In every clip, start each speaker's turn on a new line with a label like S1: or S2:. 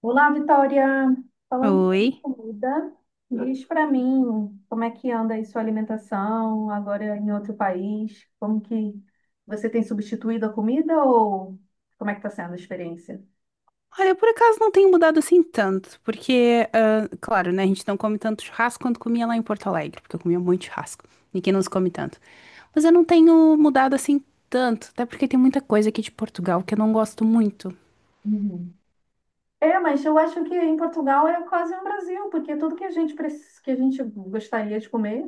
S1: Olá, Vitória. Falando sobre
S2: Oi.
S1: comida, diz para mim como é que anda aí sua alimentação agora em outro país? Como que você tem substituído a comida ou como é que está sendo a experiência?
S2: Olha, eu por acaso não tenho mudado assim tanto, porque, ah, claro, né, a gente não come tanto churrasco quanto comia lá em Porto Alegre, porque eu comia muito churrasco, e que não nos come tanto. Mas eu não tenho mudado assim tanto, até porque tem muita coisa aqui de Portugal que eu não gosto muito.
S1: É, mas eu acho que em Portugal é quase um Brasil, porque tudo que a gente que a gente gostaria de comer,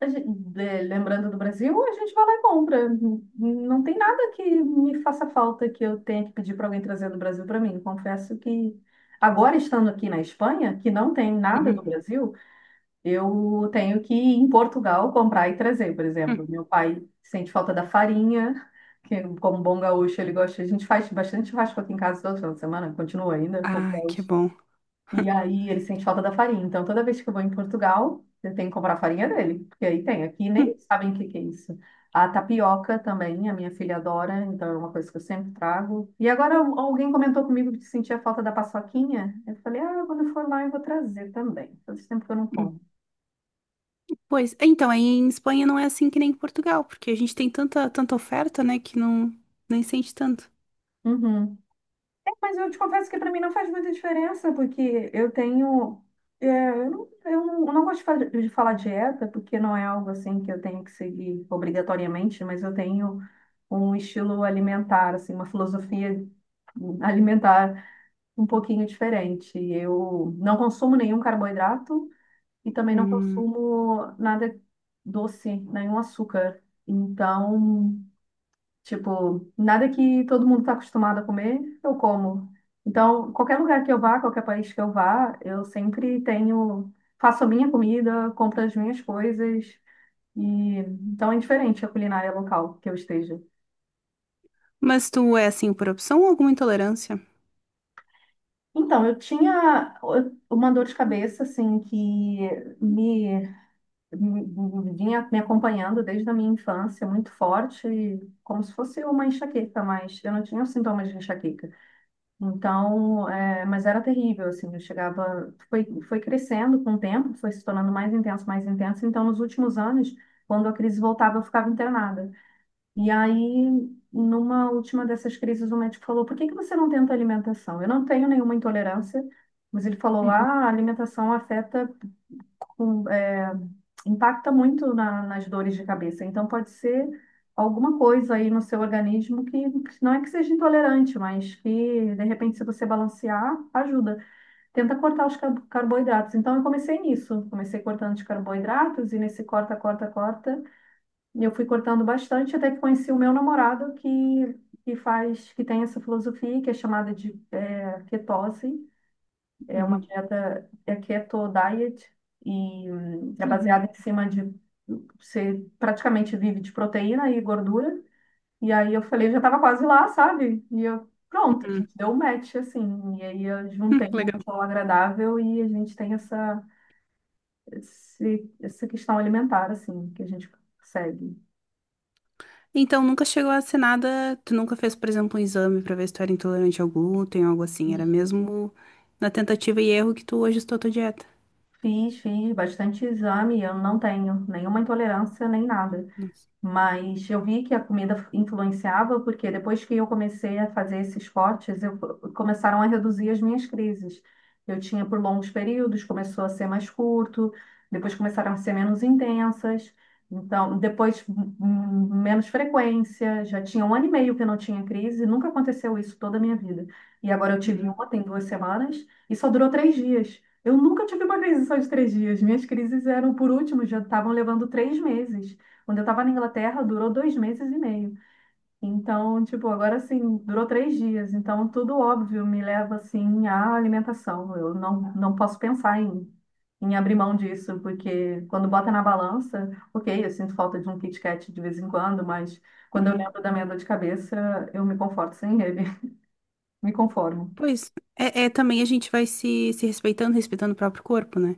S1: a gente- lembrando do Brasil, a gente vai lá e compra. Não tem nada que me faça falta que eu tenha que pedir para alguém trazer do Brasil para mim. Confesso que agora estando aqui na Espanha, que não tem nada do
S2: Uhum.
S1: Brasil, eu tenho que ir em Portugal comprar e trazer, por
S2: Hum.
S1: exemplo. Meu pai sente falta da farinha, que como bom gaúcho ele gosta. A gente faz bastante churrasco aqui em casa todo final de semana, continua ainda como
S2: Ah, que
S1: gaúcho.
S2: bom.
S1: E aí ele sente falta da farinha. Então toda vez que eu vou em Portugal, eu tenho que comprar a farinha dele, porque aí tem. Aqui
S2: Hum,
S1: nem sabem o que que é isso. A tapioca também, a minha filha adora, então é uma coisa que eu sempre trago. E agora alguém comentou comigo que sentia falta da paçoquinha. Eu falei, ah, quando eu for lá eu vou trazer também. Faz tempo que eu não
S2: hum.
S1: como.
S2: Pois, então, aí em Espanha não é assim que nem em Portugal, porque a gente tem tanta, tanta oferta, né, que não, nem sente tanto.
S1: Uhum. É, mas eu te confesso que para mim não faz muita diferença, porque eu tenho. Eu não gosto de falar dieta, porque não é algo assim que eu tenho que seguir obrigatoriamente, mas eu tenho um estilo alimentar, assim, uma filosofia alimentar um pouquinho diferente. Eu não consumo nenhum carboidrato e também não
S2: Hum.
S1: consumo nada doce, nenhum açúcar. Então. Tipo, nada que todo mundo está acostumado a comer, eu como. Então, qualquer lugar que eu vá, qualquer país que eu vá, eu sempre tenho, faço a minha comida, compro as minhas coisas. E então é diferente a culinária local que eu esteja.
S2: Mas tu é assim por opção ou alguma intolerância?
S1: Então, eu tinha uma dor de cabeça, assim, que me, me vinha me acompanhando desde a minha infância, muito forte, como se fosse uma enxaqueca, mas eu não tinha os sintomas de enxaqueca. Então, mas era terrível, assim, eu chegava, foi crescendo com o tempo, foi se tornando mais intenso, mais intenso. Então, nos últimos anos, quando a crise voltava, eu ficava internada. E aí, numa última dessas crises, o médico falou: Por que que você não tenta alimentação? Eu não tenho nenhuma intolerância, mas ele falou:
S2: Uhum,
S1: Ah, a alimentação afeta com- é, impacta muito nas dores de cabeça. Então, pode ser alguma coisa aí no seu organismo que não é que seja intolerante, mas que, de repente, se você balancear, ajuda. Tenta cortar os carboidratos. Então, eu comecei nisso. Comecei cortando os carboidratos e nesse corta, corta, corta. E eu fui cortando bastante até que conheci o meu namorado que faz, que tem essa filosofia que é chamada de ketose, é uma
S2: uhum,
S1: dieta, é keto diet, e é
S2: uhum.
S1: baseada em cima de, você praticamente vive de proteína e gordura. E aí eu falei, já tava quase lá, sabe? E eu, pronto, a
S2: Hum,
S1: gente deu um match, assim. E aí eu juntei o
S2: legal.
S1: útil ao agradável e a gente tem essa questão alimentar, assim, que a gente segue.
S2: Então, nunca chegou a ser nada. Tu nunca fez, por exemplo, um exame pra ver se tu era intolerante ao glúten, ou algo assim. Era mesmo na tentativa e erro que tu ajustou a tua dieta.
S1: Fiz bastante exame, eu não tenho nenhuma intolerância nem nada.
S2: Nossa.
S1: Mas eu vi que a comida influenciava, porque depois que eu comecei a fazer esses cortes, começaram a reduzir as minhas crises. Eu tinha por longos períodos, começou a ser mais curto, depois começaram a ser menos intensas, então depois menos frequência. Já tinha um ano e meio que eu não tinha crise, nunca aconteceu isso toda a minha vida. E agora eu tive
S2: Uhum,
S1: uma, tem 2 semanas, e só durou 3 dias. Eu nunca tive uma crise só de 3 dias. Minhas crises eram, por último, já estavam levando 3 meses. Quando eu tava na Inglaterra, durou 2 meses e meio. Então, tipo, agora assim, durou 3 dias. Então, tudo óbvio me leva, assim, à alimentação. Eu não posso pensar em abrir mão disso, porque quando bota na balança, ok, eu sinto falta de um Kit Kat de vez em quando, mas quando eu
S2: uhum.
S1: lembro da minha dor de cabeça, eu me conforto sem ele. Me conformo.
S2: Pois, é também a gente vai se respeitando, respeitando o próprio corpo, né?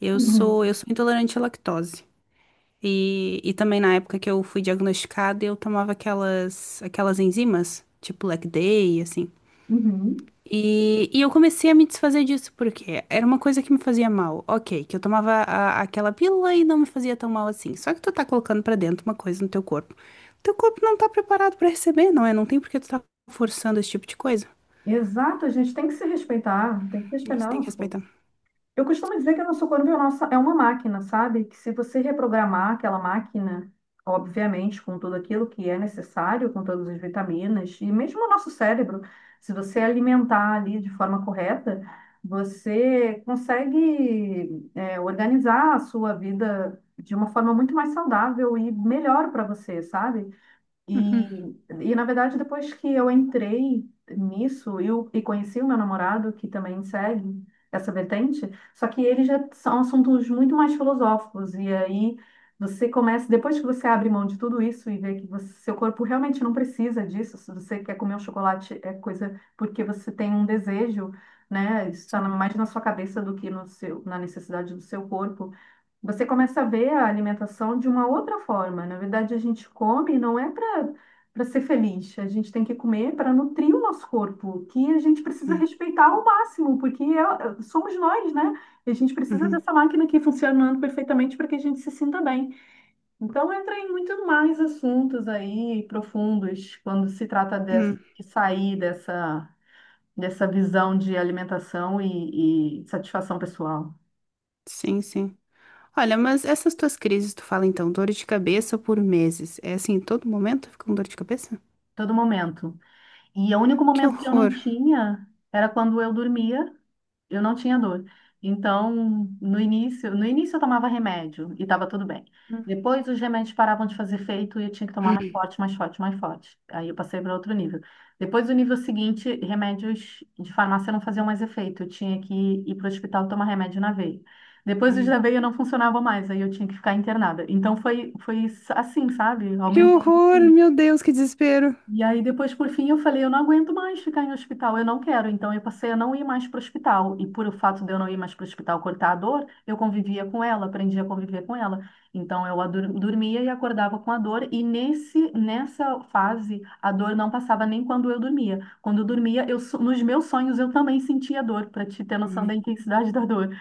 S2: Eu sou,
S1: Uhum.
S2: eu sou intolerante à lactose. E também na época que eu fui diagnosticada, eu tomava aquelas enzimas, tipo Lec Day, assim.
S1: Uhum.
S2: E eu comecei a me desfazer disso, porque era uma coisa que me fazia mal. Ok, que eu tomava aquela pílula e não me fazia tão mal assim. Só que tu tá colocando pra dentro uma coisa no teu corpo. Teu corpo não tá preparado pra receber, não é? Não tem por que tu tá forçando esse tipo de coisa.
S1: Exato, a gente tem que se respeitar, tem que
S2: A gente
S1: respeitar o
S2: tem que
S1: nosso corpo.
S2: respeitar.
S1: Eu costumo dizer que o nosso corpo é uma máquina, sabe? Que se você reprogramar aquela máquina, obviamente, com tudo aquilo que é necessário, com todas as vitaminas, e mesmo o nosso cérebro, se você alimentar ali de forma correta, você consegue, organizar a sua vida de uma forma muito mais saudável e melhor para você, sabe?
S2: Uhum,
S1: E na verdade, depois que eu entrei nisso e conheci o meu namorado, que também segue essa vertente, só que eles já são assuntos muito mais filosóficos. E aí você começa, depois que você abre mão de tudo isso e vê que seu corpo realmente não precisa disso, se você quer comer um chocolate, é coisa porque você tem um desejo, né? Isso está
S2: sim,
S1: mais na sua cabeça do que no seu, na necessidade do seu corpo. Você começa a ver a alimentação de uma outra forma. Na verdade, a gente come não é para ser feliz. A gente tem que comer para nutrir o nosso corpo, que a gente precisa
S2: sim.
S1: respeitar ao máximo, porque somos nós, né? E a gente precisa
S2: Uhum,
S1: dessa máquina aqui funcionando perfeitamente para que a gente se sinta bem. Então, entra em muito mais assuntos aí profundos quando se trata de,
S2: hum,
S1: de sair dessa visão de alimentação e satisfação pessoal.
S2: sim, sim. Olha, mas essas tuas crises, tu fala então, dor de cabeça por meses. É assim, todo momento tu fica com dor de cabeça?
S1: Todo momento. E o único
S2: Que
S1: momento que eu não
S2: horror.
S1: tinha era quando eu dormia, eu não tinha dor. Então, no início eu tomava remédio e estava tudo bem. Depois os remédios paravam de fazer efeito e eu tinha que tomar mais forte, mais forte, mais forte. Aí eu passei para outro nível. Depois do nível seguinte, remédios de farmácia não faziam mais efeito. Eu tinha que ir para o hospital tomar remédio na veia. Depois os
S2: Hum.
S1: da veia não funcionavam mais, aí eu tinha que ficar internada. Então foi assim, sabe?
S2: Que
S1: Aumentando.
S2: horror,
S1: assim.
S2: meu Deus, que desespero.
S1: E aí, depois, por fim, eu falei, eu não aguento mais ficar em hospital, eu não quero. Então, eu passei a não ir mais para o hospital. E por o fato de eu não ir mais para o hospital cortar a dor, eu convivia com ela, aprendi a conviver com ela. Então, eu dormia e acordava com a dor. E nessa fase, a dor não passava nem quando eu dormia. Quando eu dormia, nos meus sonhos, eu também sentia dor, para te ter noção da
S2: Ai,
S1: intensidade da dor.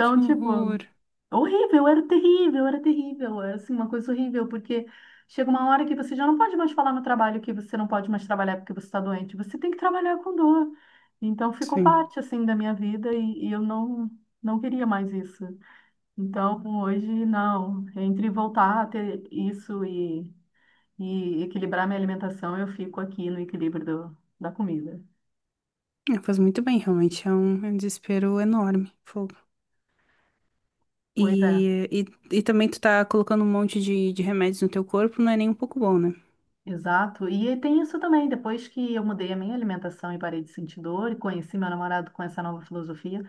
S2: que
S1: tipo.
S2: horror.
S1: Horrível, era terrível, era terrível, era assim, uma coisa horrível, porque chega uma hora que você já não pode mais falar no trabalho que você não pode mais trabalhar porque você está doente, você tem que trabalhar com dor. Então ficou
S2: Sim.
S1: parte assim da minha vida e eu não queria mais isso. Então hoje não, entre voltar a ter isso e equilibrar minha alimentação, eu fico aqui no equilíbrio da comida.
S2: É, faz muito bem, realmente. É um desespero enorme. Fogo.
S1: Pois é.
S2: E, e, e também tu tá colocando um monte de remédios no teu corpo, não é nem um pouco bom, né?
S1: Exato. E tem isso também, depois que eu mudei a minha alimentação e parei de sentir dor e conheci meu namorado com essa nova filosofia,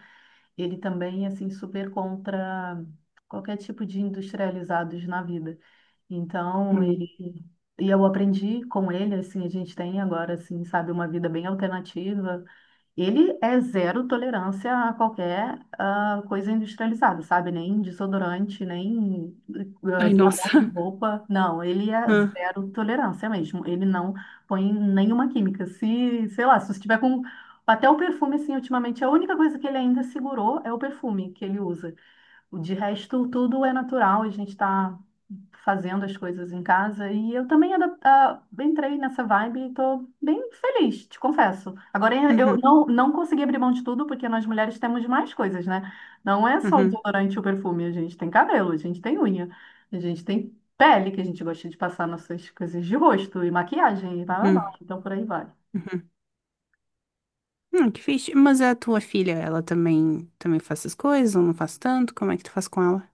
S1: ele também é assim super contra qualquer tipo de industrializados na vida. Então, ele
S2: Hum.
S1: e eu aprendi com ele assim, a gente tem agora assim, sabe, uma vida bem alternativa. Ele é zero tolerância a qualquer coisa industrializada, sabe? Nem desodorante, nem
S2: Ai,
S1: sabão
S2: nossa.
S1: de roupa. Não, ele é
S2: Ah,
S1: zero tolerância mesmo. Ele não põe nenhuma química. Se, sei lá, se você tiver com. Até o perfume, assim, ultimamente, a única coisa que ele ainda segurou é o perfume que ele usa. De resto, tudo é natural, a gente está fazendo as coisas em casa e eu também entrei nessa vibe e estou bem feliz, te confesso. Agora, eu
S2: uhum,
S1: não, não consegui abrir mão de tudo porque nós mulheres temos mais coisas, né? Não é só o
S2: uhum,
S1: desodorante e o perfume, a gente tem cabelo, a gente tem unha, a gente tem pele que a gente gosta de passar nossas coisas de rosto e maquiagem e blá blá blá.
S2: uhum,
S1: Então, por aí vai.
S2: uhum. Que fixe. Mas a tua filha, ela também, também faz essas coisas, ou não faz tanto? Como é que tu faz com ela?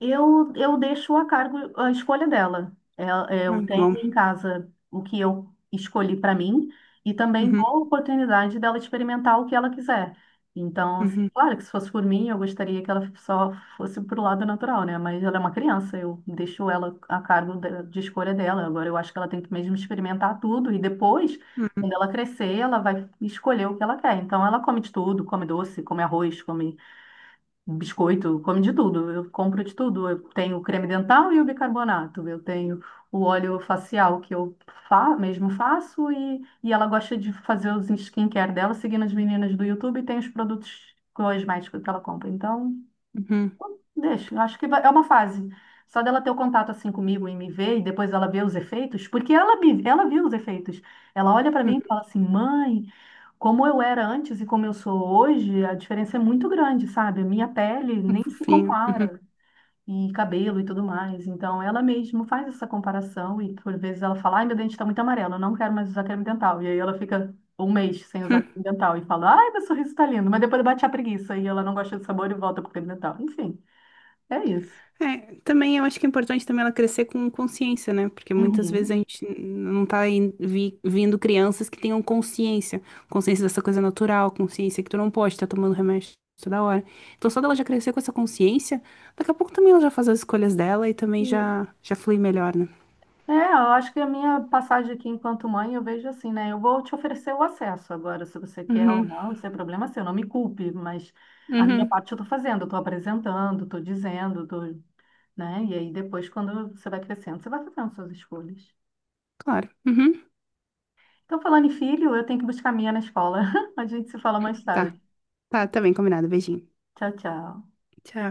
S1: Eu deixo a cargo a escolha dela. É-
S2: Ai,
S1: Eu
S2: que
S1: tenho
S2: bom.
S1: em casa o que eu escolhi para mim e também dou
S2: Uhum,
S1: a oportunidade dela experimentar o que ela quiser. Então, assim,
S2: uhum,
S1: claro que se fosse por mim, eu gostaria que ela só fosse pro lado natural, né? Mas ela é uma criança, eu deixo ela a cargo de escolha dela. Agora, eu acho que ela tem que mesmo experimentar tudo e depois, quando
S2: uhum,
S1: ela crescer, ela vai escolher o que ela quer. Então, ela come de tudo, come doce, come arroz, come um biscoito, come de tudo. Eu compro de tudo. Eu tenho o creme dental e o bicarbonato. Eu tenho o óleo facial que eu fa mesmo faço e ela gosta de fazer os skincare dela, seguindo as meninas do YouTube e tem os produtos cosméticos que ela compra. Então,
S2: uhum,
S1: deixa. Eu acho que é uma fase. Só dela ter o contato assim comigo e me ver e depois ela ver os efeitos, porque ela viu os efeitos. Ela olha para
S2: uhum.
S1: mim e fala assim, mãe. Como eu era antes e como eu sou hoje, a diferença é muito grande, sabe? A minha pele
S2: Um
S1: nem se
S2: fofinho. Uhum.
S1: compara, e cabelo e tudo mais. Então, ela mesma faz essa comparação e, por vezes, ela fala: Ai, meu dente está muito amarelo, eu não quero mais usar creme dental. E aí ela fica um mês sem usar creme dental e fala: Ai, meu sorriso está lindo. Mas depois bate a preguiça e ela não gosta do sabor e volta pro creme dental. Enfim, é isso.
S2: É, também eu acho que é importante também ela crescer com consciência, né? Porque muitas vezes a
S1: Uhum.
S2: gente não tá vindo crianças que tenham consciência, consciência dessa coisa natural, consciência que tu não pode estar tomando remédio toda hora. Então só dela já crescer com essa consciência, daqui a pouco também ela já faz as escolhas dela e também
S1: Isso.
S2: já já flui melhor, né?
S1: É, eu acho que a minha passagem aqui enquanto mãe, eu vejo assim, né? Eu vou te oferecer o acesso agora, se você quer ou
S2: Uhum,
S1: não, isso é problema seu, não me culpe, mas a minha
S2: uhum,
S1: parte eu tô fazendo, eu tô apresentando, tô dizendo, tô, né? E aí depois, quando você vai crescendo, você vai fazendo suas escolhas.
S2: claro. Uhum.
S1: Então, falando em filho, eu tenho que buscar a minha na escola. A gente se fala mais
S2: Tá,
S1: tarde.
S2: tá, tá bem combinado. Beijinho.
S1: Tchau, tchau.
S2: Tchau.